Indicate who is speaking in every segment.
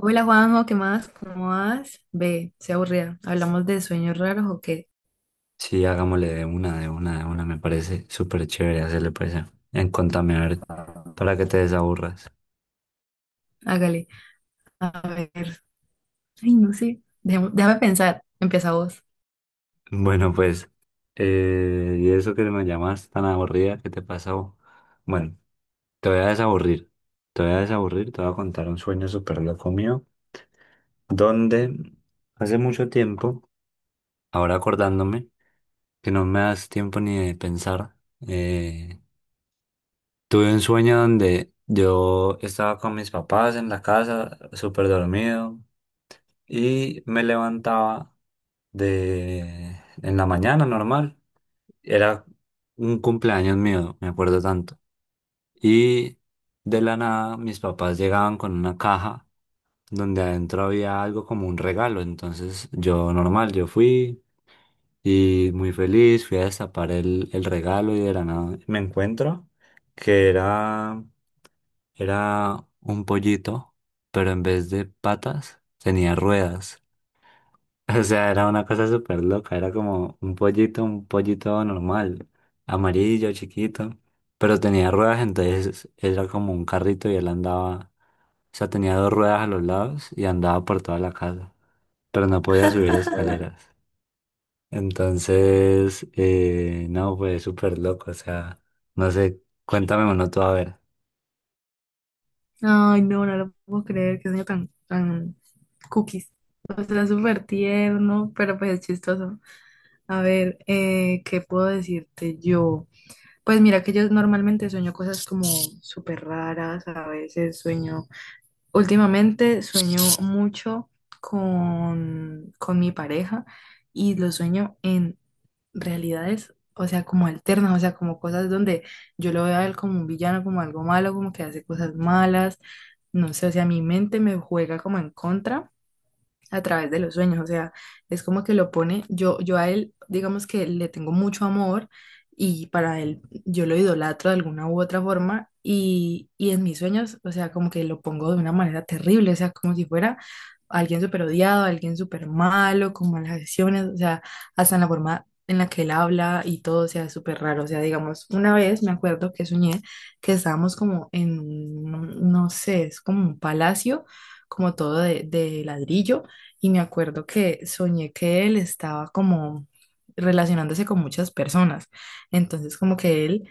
Speaker 1: Hola Juanjo, ¿qué más? ¿Cómo vas? Ve, se aburrida. ¿Hablamos de sueños raros o qué?
Speaker 2: Sí, hagámosle de una. Me parece súper chévere hacerle pues en contame a ver para que te desaburras.
Speaker 1: Hágale. A ver. Ay, no sé. Déjame pensar. Empieza vos.
Speaker 2: Bueno, pues, y eso que me llamas tan aburrida, ¿qué te pasó? Bueno, te voy a desaburrir. Te voy a desaburrir, te voy a contar un sueño súper loco mío, donde hace mucho tiempo, ahora acordándome, que no me das tiempo ni de pensar, eh, tuve un sueño donde yo estaba con mis papás en la casa, súper dormido. Y me levantaba de en la mañana normal. Era un cumpleaños mío, me acuerdo tanto. Y de la nada mis papás llegaban con una caja donde adentro había algo como un regalo. Entonces yo normal, yo fui y muy feliz, fui a destapar el regalo y de la nada me encuentro que era, era un pollito, pero en vez de patas tenía ruedas. O sea, era una cosa súper loca, era como un pollito normal, amarillo, chiquito, pero tenía ruedas, entonces era como un carrito y él andaba, o sea, tenía dos ruedas a los lados y andaba por toda la casa, pero no podía subir escaleras. Entonces, no, fue súper loco, o sea, no sé, cuéntame uno tú a ver.
Speaker 1: Ay, no, no lo puedo creer. Qué sueño tan, tan cookies. O sea, súper tierno, pero pues es chistoso. A ver, ¿qué puedo decirte yo? Pues mira que yo normalmente sueño cosas como súper raras. A veces sueño. Últimamente sueño mucho con mi pareja y lo sueño en realidades, o sea, como alternas, o sea, como cosas donde yo lo veo a él como un villano, como algo malo, como que hace cosas malas, no sé, o sea, mi mente me juega como en contra a través de los sueños, o sea, es como que lo pone, yo a él, digamos que le tengo mucho amor y para él yo lo idolatro de alguna u otra forma y en mis sueños, o sea, como que lo pongo de una manera terrible, o sea, como si fuera alguien súper odiado, alguien súper malo, con malas acciones, o sea, hasta en la forma en la que él habla y todo, o sea, es súper raro, o sea, digamos, una vez me acuerdo que soñé que estábamos como en, no sé, es como un palacio, como todo de ladrillo y me acuerdo que soñé que él estaba como relacionándose con muchas personas. Entonces, como que él,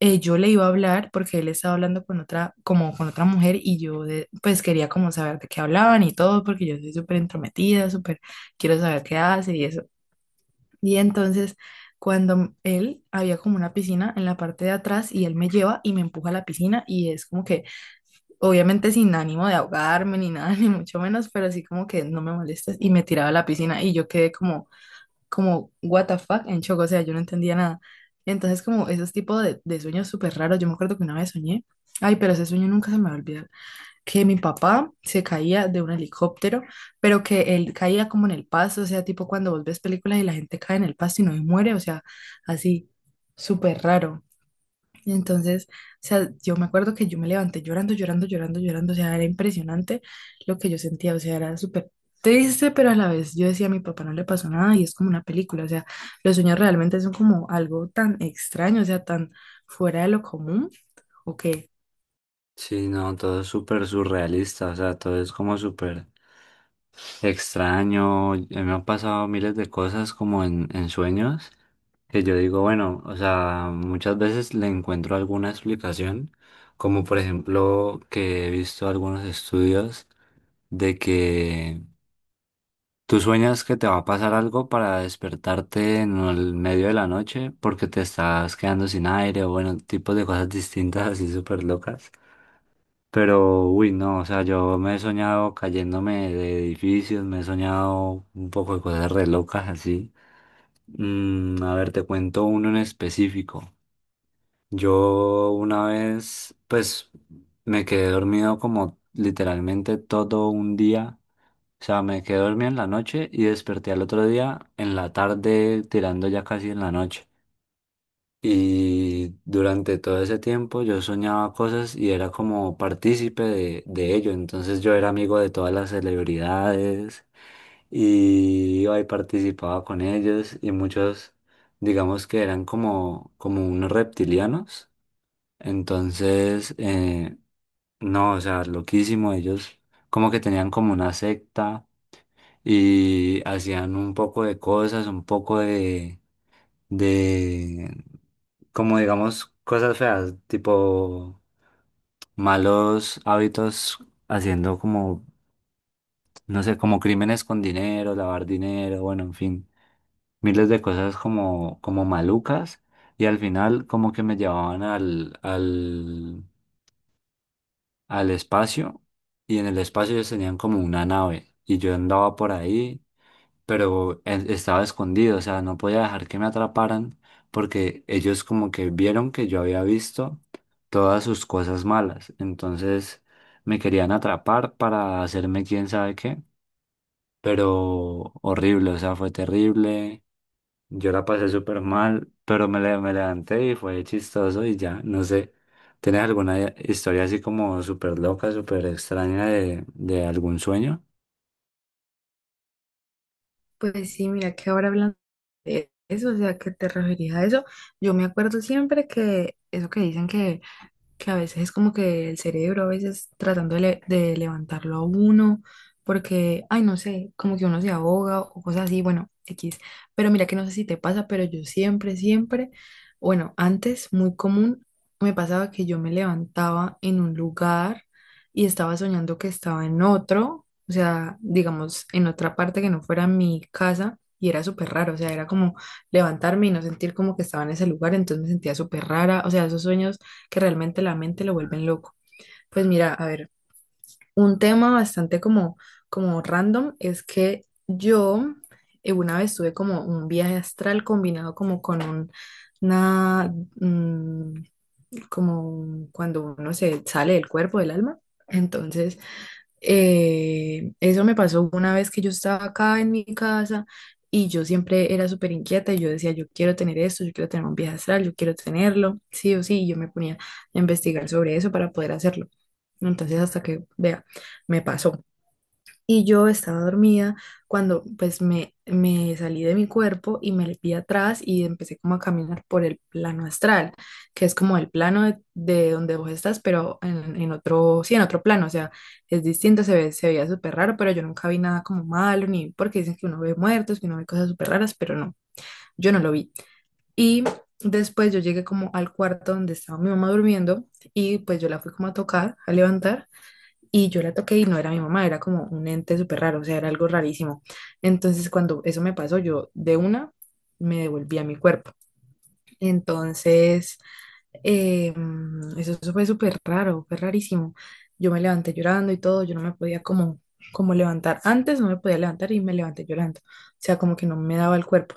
Speaker 1: yo le iba a hablar porque él estaba hablando con otra, como con otra mujer y yo pues quería como saber de qué hablaban y todo porque yo soy súper entrometida, súper quiero saber qué hace y eso. Y entonces, cuando él había como una piscina en la parte de atrás y él me lleva y me empuja a la piscina y es como que obviamente sin ánimo de ahogarme ni nada, ni mucho menos, pero así como que no me molestes y me tiraba a la piscina y yo quedé como, como, what the fuck, en shock, o sea, yo no entendía nada. Entonces como esos tipos de sueños súper raros, yo me acuerdo que una vez soñé, ay, pero ese sueño nunca se me va a olvidar, que mi papá se caía de un helicóptero, pero que él caía como en el pasto, o sea, tipo cuando vos ves películas y la gente cae en el pasto y no se muere, o sea, así, súper raro. Entonces, o sea, yo me acuerdo que yo me levanté llorando, llorando, llorando, llorando, o sea, era impresionante lo que yo sentía, o sea, era súper triste, pero a la vez yo decía, a mi papá no le pasó nada y es como una película, o sea, los sueños realmente son como algo tan extraño, o sea, tan fuera de lo común, o que,
Speaker 2: Sí, no, todo es súper surrealista, o sea, todo es como súper extraño, me han pasado miles de cosas como en sueños, que yo digo, bueno, o sea, muchas veces le encuentro alguna explicación, como por ejemplo que he visto algunos estudios de que tú sueñas que te va a pasar algo para despertarte en el medio de la noche porque te estás quedando sin aire o bueno, tipos de cosas distintas así súper locas. Pero, uy, no, o sea, yo me he soñado cayéndome de edificios, me he soñado un poco de cosas re locas así. Mm, a ver, te cuento uno en específico. Yo una vez, pues, me quedé dormido como literalmente todo un día. O sea, me quedé dormido en la noche y desperté al otro día en la tarde, tirando ya casi en la noche. Y durante todo ese tiempo yo soñaba cosas y era como partícipe de ello. Entonces yo era amigo de todas las celebridades y iba y participaba con ellos y muchos, digamos que eran como unos reptilianos. Entonces, no, o sea, loquísimo. Ellos como que tenían como una secta y hacían un poco de cosas, un poco de como digamos cosas feas, tipo malos hábitos haciendo como, no sé, como crímenes con dinero, lavar dinero, bueno, en fin, miles de cosas como, como malucas y al final como que me llevaban al espacio y en el espacio ellos tenían como una nave y yo andaba por ahí pero estaba escondido, o sea, no podía dejar que me atraparan porque ellos como que vieron que yo había visto todas sus cosas malas, entonces me querían atrapar para hacerme quién sabe qué, pero horrible, o sea, fue terrible, yo la pasé súper mal, pero me levanté y fue chistoso y ya, no sé. ¿Tienes alguna historia así como súper loca, súper extraña de algún sueño?
Speaker 1: pues sí, mira que ahora hablando de eso, o sea, que te referías a eso, yo me acuerdo siempre que eso que dicen que a veces es como que el cerebro, a veces tratando de, de levantarlo a uno, porque, ay, no sé, como que uno se ahoga o cosas así, bueno, X. Pero mira que no sé si te pasa, pero yo siempre, siempre, bueno, antes muy común, me pasaba que yo me levantaba en un lugar y estaba soñando que estaba en otro, o sea, digamos, en otra parte que no fuera mi casa. Y era súper raro, o sea, era como levantarme y no sentir como que estaba en ese lugar, entonces me sentía súper rara, o sea, esos sueños que realmente la mente lo vuelven loco. Pues mira, a ver, un tema bastante como, como random es que yo una vez tuve como un viaje astral combinado como con un, una, como cuando uno se sale del cuerpo, del alma. Entonces, eso me pasó una vez que yo estaba acá en mi casa y yo siempre era súper inquieta y yo decía, yo quiero tener esto, yo quiero tener un viaje astral, yo quiero tenerlo, sí o sí, y yo me ponía a investigar sobre eso para poder hacerlo. Entonces, hasta que, vea, me pasó. Y yo estaba dormida cuando pues me salí de mi cuerpo y me vi atrás y empecé como a caminar por el plano astral, que es como el plano de donde vos estás, pero en otro, sí, en otro plano, o sea, es distinto, se ve, se veía súper raro, pero yo nunca vi nada como malo, ni porque dicen que uno ve muertos, que uno ve cosas súper raras, pero no, yo no lo vi. Y después yo llegué como al cuarto donde estaba mi mamá durmiendo y pues yo la fui como a tocar, a levantar. Y yo la toqué y no era mi mamá, era como un ente súper raro, o sea, era algo rarísimo. Entonces, cuando eso me pasó, yo de una me devolví a mi cuerpo. Entonces, eh, eso fue súper raro, fue rarísimo. Yo me levanté llorando y todo, yo no me podía como, como levantar. Antes no me podía levantar y me levanté llorando, o sea, como que no me daba el cuerpo.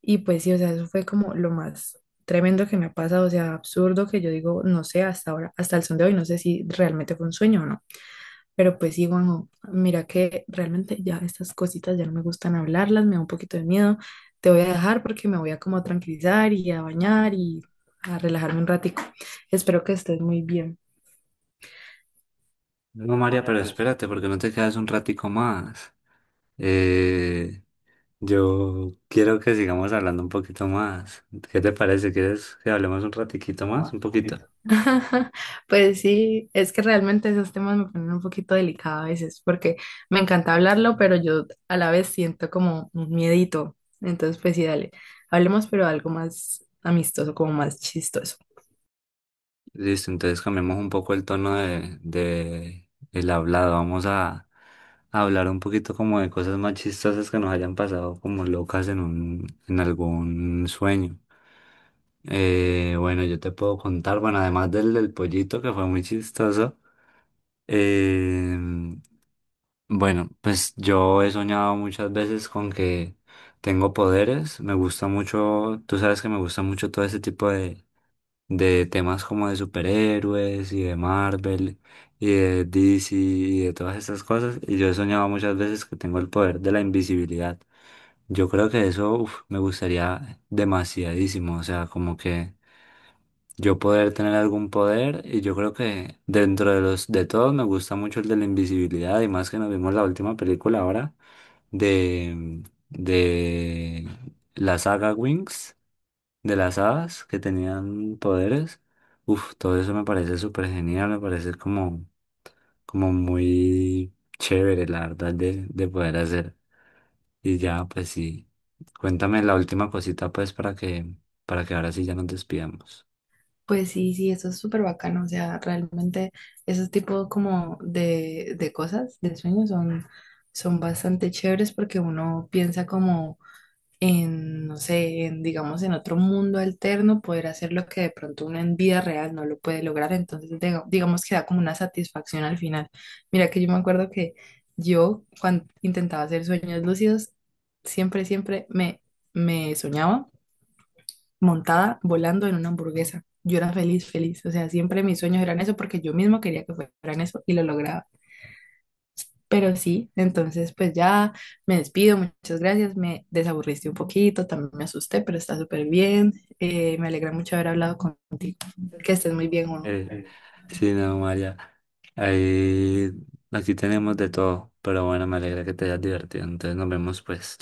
Speaker 1: Y pues sí, o sea, eso fue como lo más tremendo que me ha pasado, o sea, absurdo que yo digo, no sé, hasta ahora, hasta el son de hoy, no sé si realmente fue un sueño o no. Pero pues sí, Juanjo, mira que realmente ya estas cositas ya no me gustan hablarlas, me da un poquito de miedo. Te voy a dejar porque me voy a como a tranquilizar y a bañar y a relajarme un ratico. Espero que estés muy bien.
Speaker 2: No, María, pero espérate, porque no te quedas un ratico más. Eh, yo quiero que sigamos hablando un poquito más. ¿Qué te parece? ¿Quieres que hablemos un ratiquito más? Un poquito.
Speaker 1: Pues sí, es que realmente esos temas me ponen un poquito delicada a veces porque me encanta hablarlo, pero yo a la vez siento como un miedito. Entonces, pues sí, dale, hablemos pero algo más amistoso, como más chistoso.
Speaker 2: Listo, entonces cambiamos un poco el tono de el hablado. Vamos a hablar un poquito como de cosas más chistosas que nos hayan pasado como locas en un, en algún sueño. Bueno, yo te puedo contar, bueno, además del, del pollito que fue muy chistoso, eh, bueno, pues yo he soñado muchas veces con que tengo poderes. Me gusta mucho, tú sabes que me gusta mucho todo ese tipo de temas como de superhéroes y de Marvel y de DC y de todas estas cosas. Y yo he soñado muchas veces que tengo el poder de la invisibilidad. Yo creo que eso, uf, me gustaría demasiadísimo. O sea, como que yo poder tener algún poder, y yo creo que dentro de los de todos me gusta mucho el de la invisibilidad, y más que nos vimos la última película ahora de, de la saga Wings, de las hadas que tenían poderes. Uf, todo eso me parece súper genial, me parece como, como muy chévere, la verdad, de poder hacer. Y ya, pues sí, cuéntame la última cosita, pues, para que ahora sí ya nos despidamos.
Speaker 1: Pues sí, sí, eso es súper bacano, o sea, realmente esos tipos como de cosas, de sueños son, son bastante chéveres porque uno piensa como en, no sé, en, digamos, en otro mundo alterno, poder hacer lo que de pronto uno en vida real no lo puede lograr, entonces digamos que da como una satisfacción al final. Mira que yo me acuerdo que yo cuando intentaba hacer sueños lúcidos, siempre, siempre me soñaba montada volando en una hamburguesa. Yo era feliz, feliz. O sea, siempre mis sueños eran eso porque yo mismo quería que fueran eso y lo lograba. Pero sí, entonces pues ya me despido, muchas gracias, me desaburriste un poquito, también me asusté, pero está súper bien. Me alegra mucho haber hablado contigo. Que estés muy bien, Juan.
Speaker 2: Eh, Sí, no, María. Ahí, aquí tenemos de todo, pero bueno, me alegra que te hayas divertido. Entonces nos vemos pues.